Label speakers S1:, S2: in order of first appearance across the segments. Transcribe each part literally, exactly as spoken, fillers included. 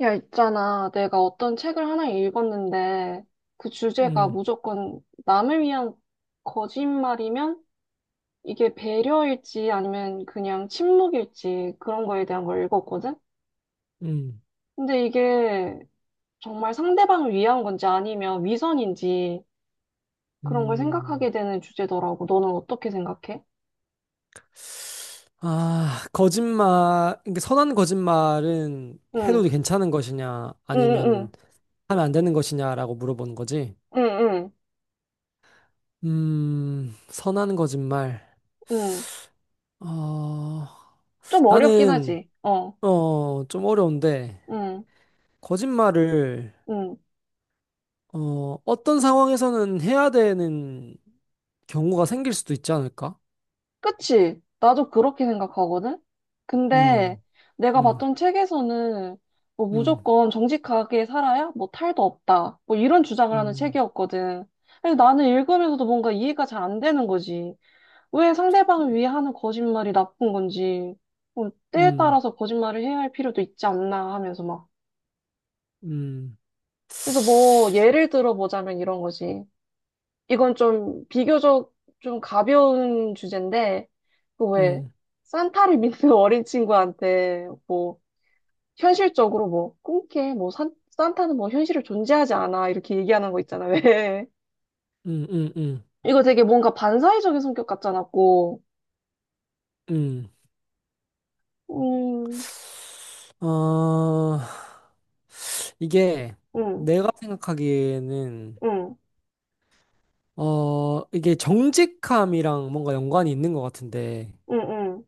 S1: 야, 있잖아. 내가 어떤 책을 하나 읽었는데, 그 주제가
S2: 음,
S1: 무조건 남을 위한 거짓말이면 이게 배려일지 아니면 그냥 침묵일지 그런 거에 대한 걸 읽었거든?
S2: 음,
S1: 근데 이게 정말 상대방을 위한 건지 아니면 위선인지 그런 걸
S2: 음.
S1: 생각하게 되는 주제더라고. 너는 어떻게 생각해?
S2: 아, 거짓말, 이게 선한 거짓말은 해도
S1: 응,
S2: 괜찮은 것이냐,
S1: 응,
S2: 아니면
S1: 응,
S2: 하면 안 되는 것이냐라고 물어보는 거지.
S1: 응, 응,
S2: 음, 선한 거짓말.
S1: 응. 응.
S2: 어,
S1: 좀 어렵긴
S2: 나는,
S1: 하지. 어,
S2: 어, 좀 어려운데,
S1: 응,
S2: 거짓말을,
S1: 응.
S2: 어, 어떤 상황에서는 해야 되는 경우가 생길 수도 있지 않을까?
S1: 그치? 나도 그렇게 생각하거든? 근데
S2: 음,
S1: 내가
S2: 음,
S1: 봤던 책에서는 뭐
S2: 음,
S1: 무조건 정직하게 살아야 뭐 탈도 없다. 뭐 이런 주장을 하는
S2: 음,
S1: 책이었거든. 근데 나는 읽으면서도 뭔가 이해가 잘 안 되는 거지. 왜 상대방을 위해 하는 거짓말이 나쁜 건지. 뭐 때에
S2: 음,
S1: 따라서 거짓말을 해야 할 필요도 있지 않나 하면서 막.
S2: 음.
S1: 그래서 뭐 예를 들어보자면 이런 거지. 이건 좀 비교적 좀 가벼운 주제인데, 그왜
S2: 음.
S1: 산타를 믿는 어린 친구한테 뭐 현실적으로 뭐 꿈깨 뭐 산, 산타는 뭐 현실을 존재하지 않아 이렇게 얘기하는 거 있잖아 왜
S2: 음, 음, 음,
S1: 이거 되게 뭔가 반사회적인 성격 같잖아 고
S2: 음. 어, 이게 내가 생각하기에는, 어, 이게 정직함이랑 뭔가 연관이 있는 것 같은데,
S1: 음음음음음음음어어와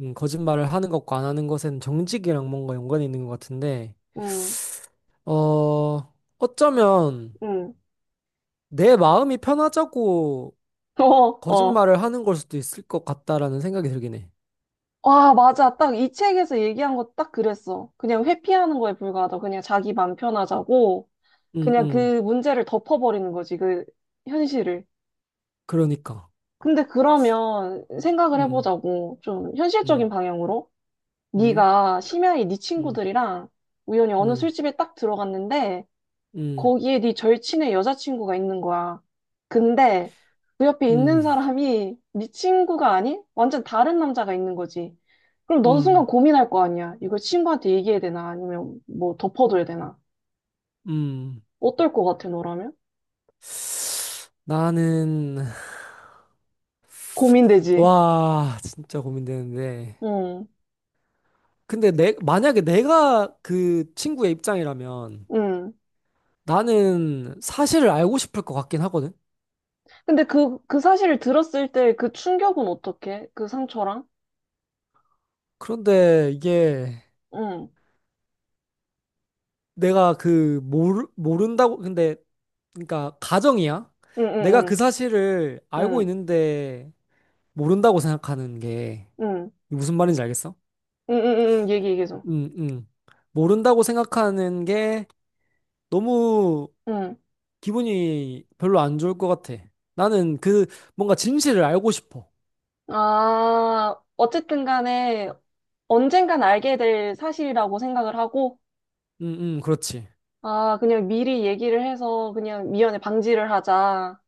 S2: 음, 거짓말을 하는 것과 안 하는 것에는 정직이랑 뭔가 연관이 있는 것 같은데, 어, 어쩌면 내 마음이 편하자고 거짓말을 하는 걸 수도 있을 것 같다라는 생각이 들긴 해.
S1: 맞아 딱 이 책에서 얘기한 거 딱 그랬어 그냥 회피하는 거에 불과하다 그냥 자기 맘 편하자고
S2: 음,
S1: 그냥
S2: 음,
S1: 그 문제를 덮어버리는 거지, 그 현실을.
S2: 그러니까.
S1: 근데 그러면 생각을
S2: 음,
S1: 해보자고. 좀 현실적인
S2: 음,
S1: 방향으로.
S2: 음,
S1: 네가 심야에 네
S2: 음,
S1: 친구들이랑 우연히 어느
S2: 음,
S1: 술집에 딱 들어갔는데
S2: 음,
S1: 거기에 네 절친의 여자친구가 있는 거야. 근데 그 옆에 있는
S2: 음,
S1: 사람이 네 친구가 아닌 완전 다른 남자가 있는 거지. 그럼 넌 순간
S2: 음.
S1: 고민할 거 아니야. 이걸 친구한테 얘기해야 되나 아니면 뭐 덮어둬야 되나.
S2: 음.
S1: 어떨 것 같아, 너라면?
S2: 나는
S1: 고민되지.
S2: 와 진짜 고민되는데,
S1: 응,
S2: 근데 내 만약에 내가 그 친구의 입장이라면
S1: 응.
S2: 나는 사실을 알고 싶을 것 같긴 하거든.
S1: 근데 그, 그 사실을 들었을 때 그 충격은 어떻게? 그 상처랑?
S2: 그런데 이게
S1: 응,
S2: 내가 그 모르, 모른다고 근데, 그러니까 가정이야.
S1: 응,
S2: 내가
S1: 응,
S2: 그 사실을
S1: 응,
S2: 알고
S1: 응,
S2: 있는데 모른다고 생각하는 게,
S1: 응,
S2: 무슨 말인지 알겠어?
S1: 응, 응, 응, 응. 얘기, 얘기해줘.
S2: 음, 음. 모른다고 생각하는 게 너무
S1: 응.
S2: 기분이 별로 안 좋을 것 같아. 나는 그 뭔가 진실을 알고 싶어.
S1: 아, 어쨌든 간에 언젠간 알게 될 사실이라고 생각을 하고,
S2: 응응, 그렇지.
S1: 아, 그냥 미리 얘기를 해서 그냥 미연에 방지를 하자.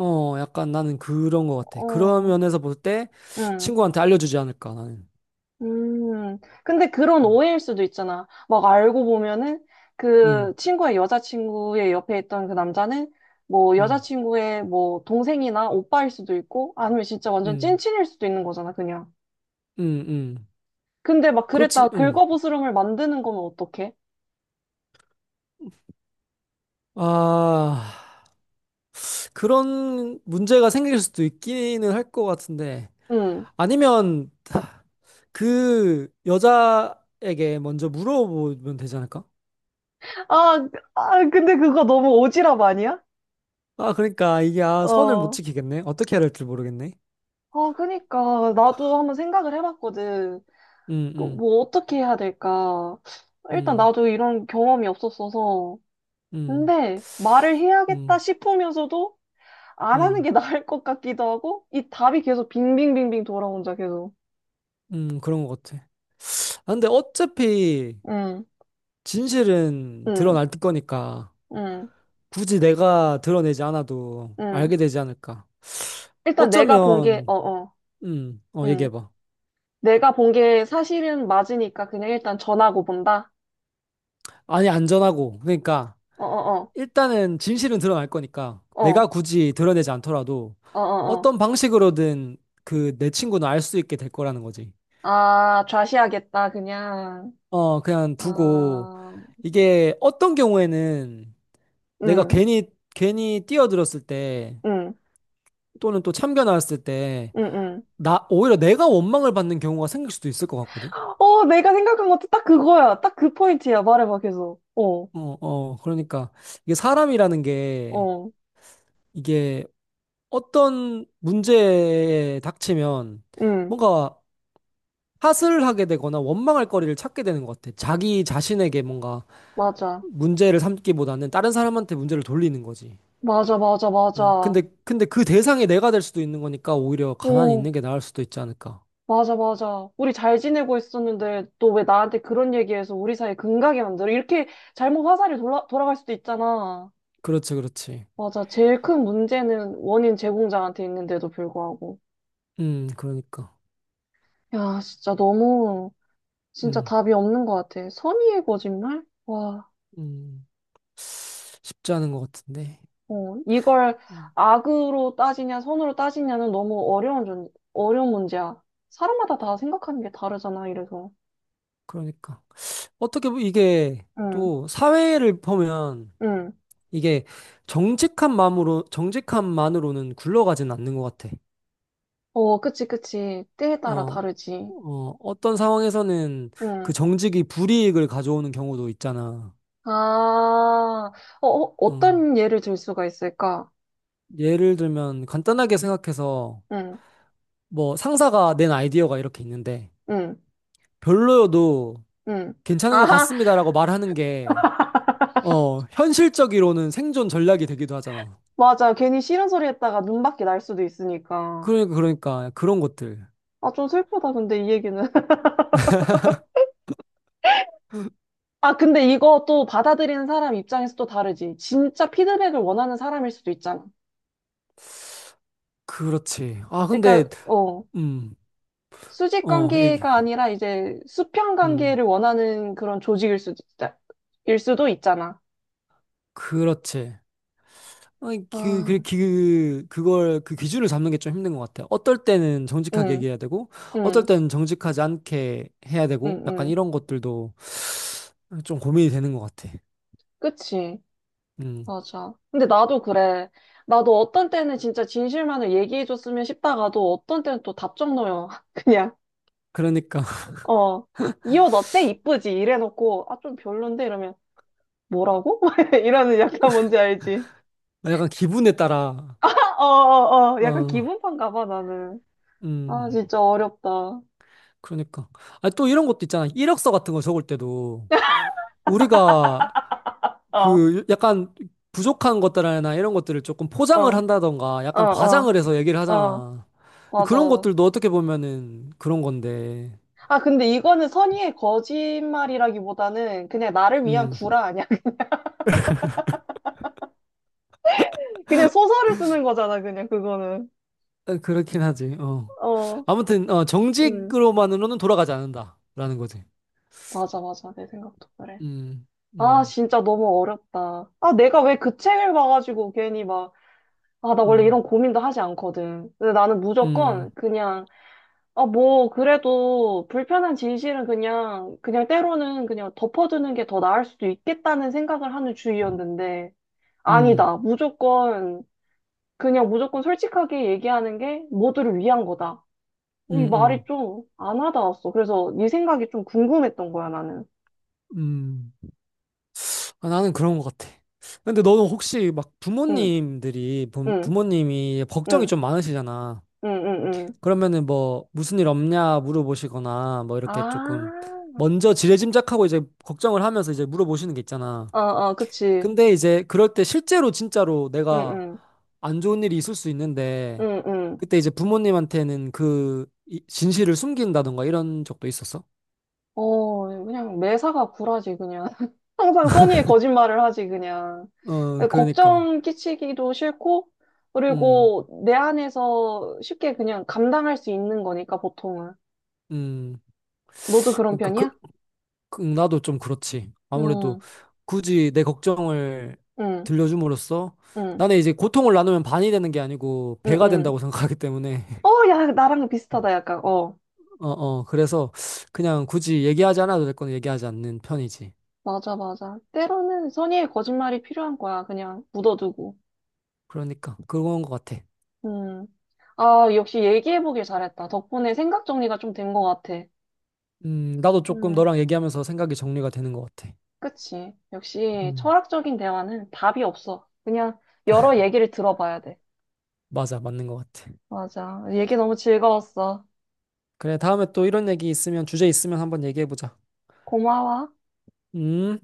S2: 어, 약간 나는 그런 것 같아. 그런
S1: 어,
S2: 면에서 볼 때
S1: 응.
S2: 친구한테 알려주지 않을까, 나는.
S1: 음, 근데 그런 오해일 수도 있잖아. 막 알고 보면은 그
S2: 응
S1: 친구의 여자친구의 옆에 있던 그 남자는 뭐
S2: 응응
S1: 여자친구의 뭐 동생이나 오빠일 수도 있고 아니면 진짜
S2: 응
S1: 완전 찐친일 수도 있는 거잖아, 그냥.
S2: 응
S1: 근데 막
S2: 그렇지,
S1: 그랬다가
S2: 응.
S1: 긁어부스럼을 만드는 거면 어떡해?
S2: 아, 그런 문제가 생길 수도 있기는 할 것 같은데.
S1: 응.
S2: 아니면 그 여자에게 먼저 물어보면 되지 않을까?
S1: 아, 아, 근데 그거 너무 오지랖 아니야?
S2: 아, 그러니까 이게, 아, 선을 못
S1: 어.
S2: 지키겠네. 어떻게 해야 될지 모르겠네.
S1: 아, 그니까. 나도 한번 생각을 해봤거든.
S2: 음, 음,
S1: 그뭐 어떻게 해야 될까. 일단
S2: 음,
S1: 나도 이런 경험이 없었어서.
S2: 음,
S1: 근데 말을 해야겠다
S2: 음,
S1: 싶으면서도 안 하는
S2: 음,
S1: 게 나을 것 같기도 하고 이 답이 계속 빙빙빙빙 돌아온다 계속.
S2: 음, 그런 것 같아. 아, 근데 어차피
S1: 응,
S2: 진실은
S1: 응,
S2: 드러날 거니까
S1: 응,
S2: 굳이 내가 드러내지 않아도
S1: 응.
S2: 알게 되지 않을까.
S1: 일단 내가 본 게, 어,
S2: 어쩌면,
S1: 어,
S2: 음, 어,
S1: 응.
S2: 얘기해봐.
S1: 내가 본 게 사실은 맞으니까 그냥 일단 전하고 본다.
S2: 아니, 안전하고. 그러니까
S1: 어, 어,
S2: 일단은 진실은 드러날 거니까
S1: 어,
S2: 내가
S1: 어,
S2: 굳이 드러내지 않더라도
S1: 어, 어, 어.
S2: 어떤 방식으로든 그 내 친구는 알 수 있게 될 거라는 거지.
S1: 아, 좌시하겠다 그냥.
S2: 어, 그냥 두고,
S1: 아,
S2: 이게 어떤 경우에는 내가
S1: 응,
S2: 괜히, 괜히 뛰어들었을 때,
S1: 응,
S2: 또는 또 참겨 나왔을 때,
S1: 응, 응.
S2: 나, 오히려 내가 원망을 받는 경우가 생길 수도 있을 것 같거든?
S1: 어, 내가 생각한 것도 딱 그거야. 딱 그 포인트야. 말해봐 계속. 어,
S2: 어, 어, 그러니까, 이게 사람이라는 게,
S1: 어,
S2: 이게 어떤 문제에 닥치면,
S1: 응.
S2: 뭔가 탓을 하게 되거나 원망할 거리를 찾게 되는 것 같아. 자기 자신에게 뭔가
S1: 맞아.
S2: 문제를 삼기보다는 다른 사람한테 문제를 돌리는 거지.
S1: 맞아, 맞아,
S2: 응,
S1: 맞아.
S2: 근데, 근데 그 대상이 내가 될 수도 있는 거니까 오히려 가만히 있는
S1: 어,
S2: 게 나을 수도 있지 않을까.
S1: 맞아, 맞아. 우리 잘 지내고 있었는데 또 왜 나한테 그런 얘기해서 우리 사이 금가게 만들어? 이렇게 잘못 화살이 돌아, 돌아갈 수도 있잖아.
S2: 그렇지, 그렇지.
S1: 맞아. 제일 큰 문제는 원인 제공자한테 있는데도 불구하고.
S2: 음, 그러니까.
S1: 야, 진짜 너무, 진짜
S2: 음,
S1: 답이 없는 것 같아. 선의의 거짓말? 와,
S2: 음. 쉽지 않은 것 같은데.
S1: 어, 이걸
S2: 음,
S1: 악으로 따지냐, 선으로 따지냐는 너무 어려운, 존- 어려운 문제야. 사람마다 다 생각하는 게 다르잖아, 이래서.
S2: 그러니까. 어떻게 보면 이게
S1: 응,
S2: 또 사회를 보면
S1: 응.
S2: 이게 정직한 마음으로, 정직한 만으로는 굴러가진 않는 것 같아.
S1: 어, 그치, 그치. 때에 따라
S2: 어,
S1: 다르지.
S2: 어, 어떤 상황에서는 그
S1: 응.
S2: 정직이 불이익을 가져오는 경우도 있잖아.
S1: 아, 어, 어,
S2: 어,
S1: 어떤 예를 들 수가 있을까?
S2: 예를 들면 간단하게 생각해서
S1: 응,
S2: 뭐 상사가 낸 아이디어가 이렇게 있는데
S1: 응,
S2: 별로여도
S1: 응.
S2: 괜찮은 것
S1: 아하,
S2: 같습니다라고 말하는 게, 어, 현실적으로는 생존 전략이 되기도 하잖아.
S1: 맞아. 괜히 싫은 소리 했다가 눈밖에 날 수도 있으니까.
S2: 그러니까 그러니까 그런 것들.
S1: 아, 좀 슬프다, 근데 이 얘기는. 아, 근데 이거 또 받아들이는 사람 입장에서 또 다르지. 진짜 피드백을 원하는 사람일 수도 있잖아.
S2: 그렇지. 아 근데
S1: 그러니까, 어,
S2: 음.
S1: 수직
S2: 어, 얘기.
S1: 관계가 아니라 이제 수평
S2: 음.
S1: 관계를 원하는 그런 조직일 수도 있다, 일 수도 있잖아.
S2: 그렇지. 아니, 그, 그,
S1: 아,
S2: 그, 그걸, 그 기준을 잡는 게 좀 힘든 것 같아. 어떨 때는 정직하게
S1: 응.
S2: 얘기해야 되고, 어떨
S1: 응,
S2: 때는 정직하지 않게 해야 되고,
S1: 응,
S2: 약간
S1: 응.
S2: 이런 것들도 좀 고민이 되는 것 같아.
S1: 그치.
S2: 음,
S1: 맞아. 근데 나도 그래. 나도 어떤 때는 진짜 진실만을 얘기해줬으면 싶다가도 어떤 때는 또 답정 넣어요. 그냥,
S2: 그러니까.
S1: 어, 이 옷 어때? 이쁘지? 이래놓고, 아, 좀 별론데? 이러면, 뭐라고? 이러는 약간 뭔지 알지?
S2: 아, 약간 기분에 따라,
S1: 어, 어, 어. 약간
S2: 어,
S1: 기분판가 봐, 나는. 아,
S2: 음,
S1: 진짜 어렵다. 어,
S2: 그러니까. 아, 또 이런 것도 있잖아. 이력서 같은 거 적을 때도 우리가
S1: 어,
S2: 그 약간 부족한 것들이나 이런 것들을 조금
S1: 어,
S2: 포장을 한다던가 약간
S1: 어,
S2: 과장을 해서 얘기를
S1: 어.
S2: 하잖아. 그런
S1: 맞아.
S2: 것들도 어떻게 보면은 그런 건데,
S1: 아, 근데 이거는 선의의 거짓말이라기보다는 그냥 나를 위한
S2: 음,
S1: 구라 아니야? 그냥 소설을 쓰는 거잖아, 그냥 그거는.
S2: 아, 그렇긴 하지, 어.
S1: 어,
S2: 아무튼, 어,
S1: 음.
S2: 정직으로만으로는 돌아가지 않는다. 라는 거지.
S1: 맞아, 맞아. 내 생각도 그래.
S2: 음,
S1: 아,
S2: 음,
S1: 진짜 너무 어렵다. 아, 내가 왜 그 책을 봐가지고 괜히 막, 아, 나 원래
S2: 음,
S1: 이런 고민도 하지 않거든. 근데 나는
S2: 음,
S1: 무조건 그냥, 아, 뭐, 그래도 불편한 진실은 그냥, 그냥 때로는 그냥 덮어두는 게 더 나을 수도 있겠다는 생각을 하는 주의였는데,
S2: 음,
S1: 아니다. 무조건, 그냥 무조건 솔직하게 얘기하는 게 모두를 위한 거다.
S2: 음,
S1: 이 말이
S2: 음,
S1: 좀 안 와닿았어. 그래서 네 생각이 좀 궁금했던 거야, 나는.
S2: 음. 아, 나는 그런 것 같아. 근데 너는 혹시 막
S1: 응,
S2: 부모님들이, 부,
S1: 응,
S2: 부모님이 걱정이
S1: 응,
S2: 좀 많으시잖아.
S1: 응, 응, 응.
S2: 그러면은 뭐 무슨 일 없냐 물어보시거나 뭐 이렇게 조금
S1: 아,
S2: 먼저 지레짐작하고 이제 걱정을 하면서 이제 물어보시는 게 있잖아.
S1: 어, 어, 그치.
S2: 근데 이제 그럴 때 실제로 진짜로
S1: 응,
S2: 내가
S1: 응,
S2: 안 좋은 일이 있을 수 있는데,
S1: 응, 응.
S2: 그때 이제 부모님한테는 그 이- 진실을 숨긴다던가 이런 적도 있었어?
S1: 어, 그냥 매사가 굴하지, 그냥. 항상 선의의 거짓말을 하지, 그냥.
S2: 어, 그러니까.
S1: 걱정 끼치기도 싫고,
S2: 음,
S1: 그리고 내 안에서 쉽게 그냥 감당할 수 있는 거니까, 보통은.
S2: 음.
S1: 너도 그런
S2: 그러니까 그,
S1: 편이야?
S2: 그, 나도 좀 그렇지. 아무래도
S1: 응,
S2: 굳이 내 걱정을
S1: 응,
S2: 들려줌으로써,
S1: 응,
S2: 나는 이제 고통을 나누면 반이 되는 게 아니고
S1: 응,
S2: 배가
S1: 응.
S2: 된다고 생각하기 때문에
S1: 어, 야, 나랑 비슷하다, 약간, 어.
S2: 어, 어, 그래서 그냥 굳이 얘기하지 않아도 될 건 얘기하지 않는 편이지.
S1: 맞아, 맞아. 때로는 선의의 거짓말이 필요한 거야. 그냥 묻어두고.
S2: 그러니까 그런 것 같아.
S1: 음. 아, 역시 얘기해보길 잘했다. 덕분에 생각 정리가 좀 된 것 같아.
S2: 음, 나도 조금
S1: 음,
S2: 너랑 얘기하면서 생각이 정리가 되는 것 같아.
S1: 그치. 역시
S2: 음,
S1: 철학적인 대화는 답이 없어. 그냥 여러 얘기를 들어봐야 돼.
S2: 맞아, 맞는 것 같아.
S1: 맞아. 얘기 너무 즐거웠어.
S2: 그래, 다음에 또 이런 얘기 있으면 주제 있으면 한번 얘기해보자.
S1: 고마워.
S2: 음.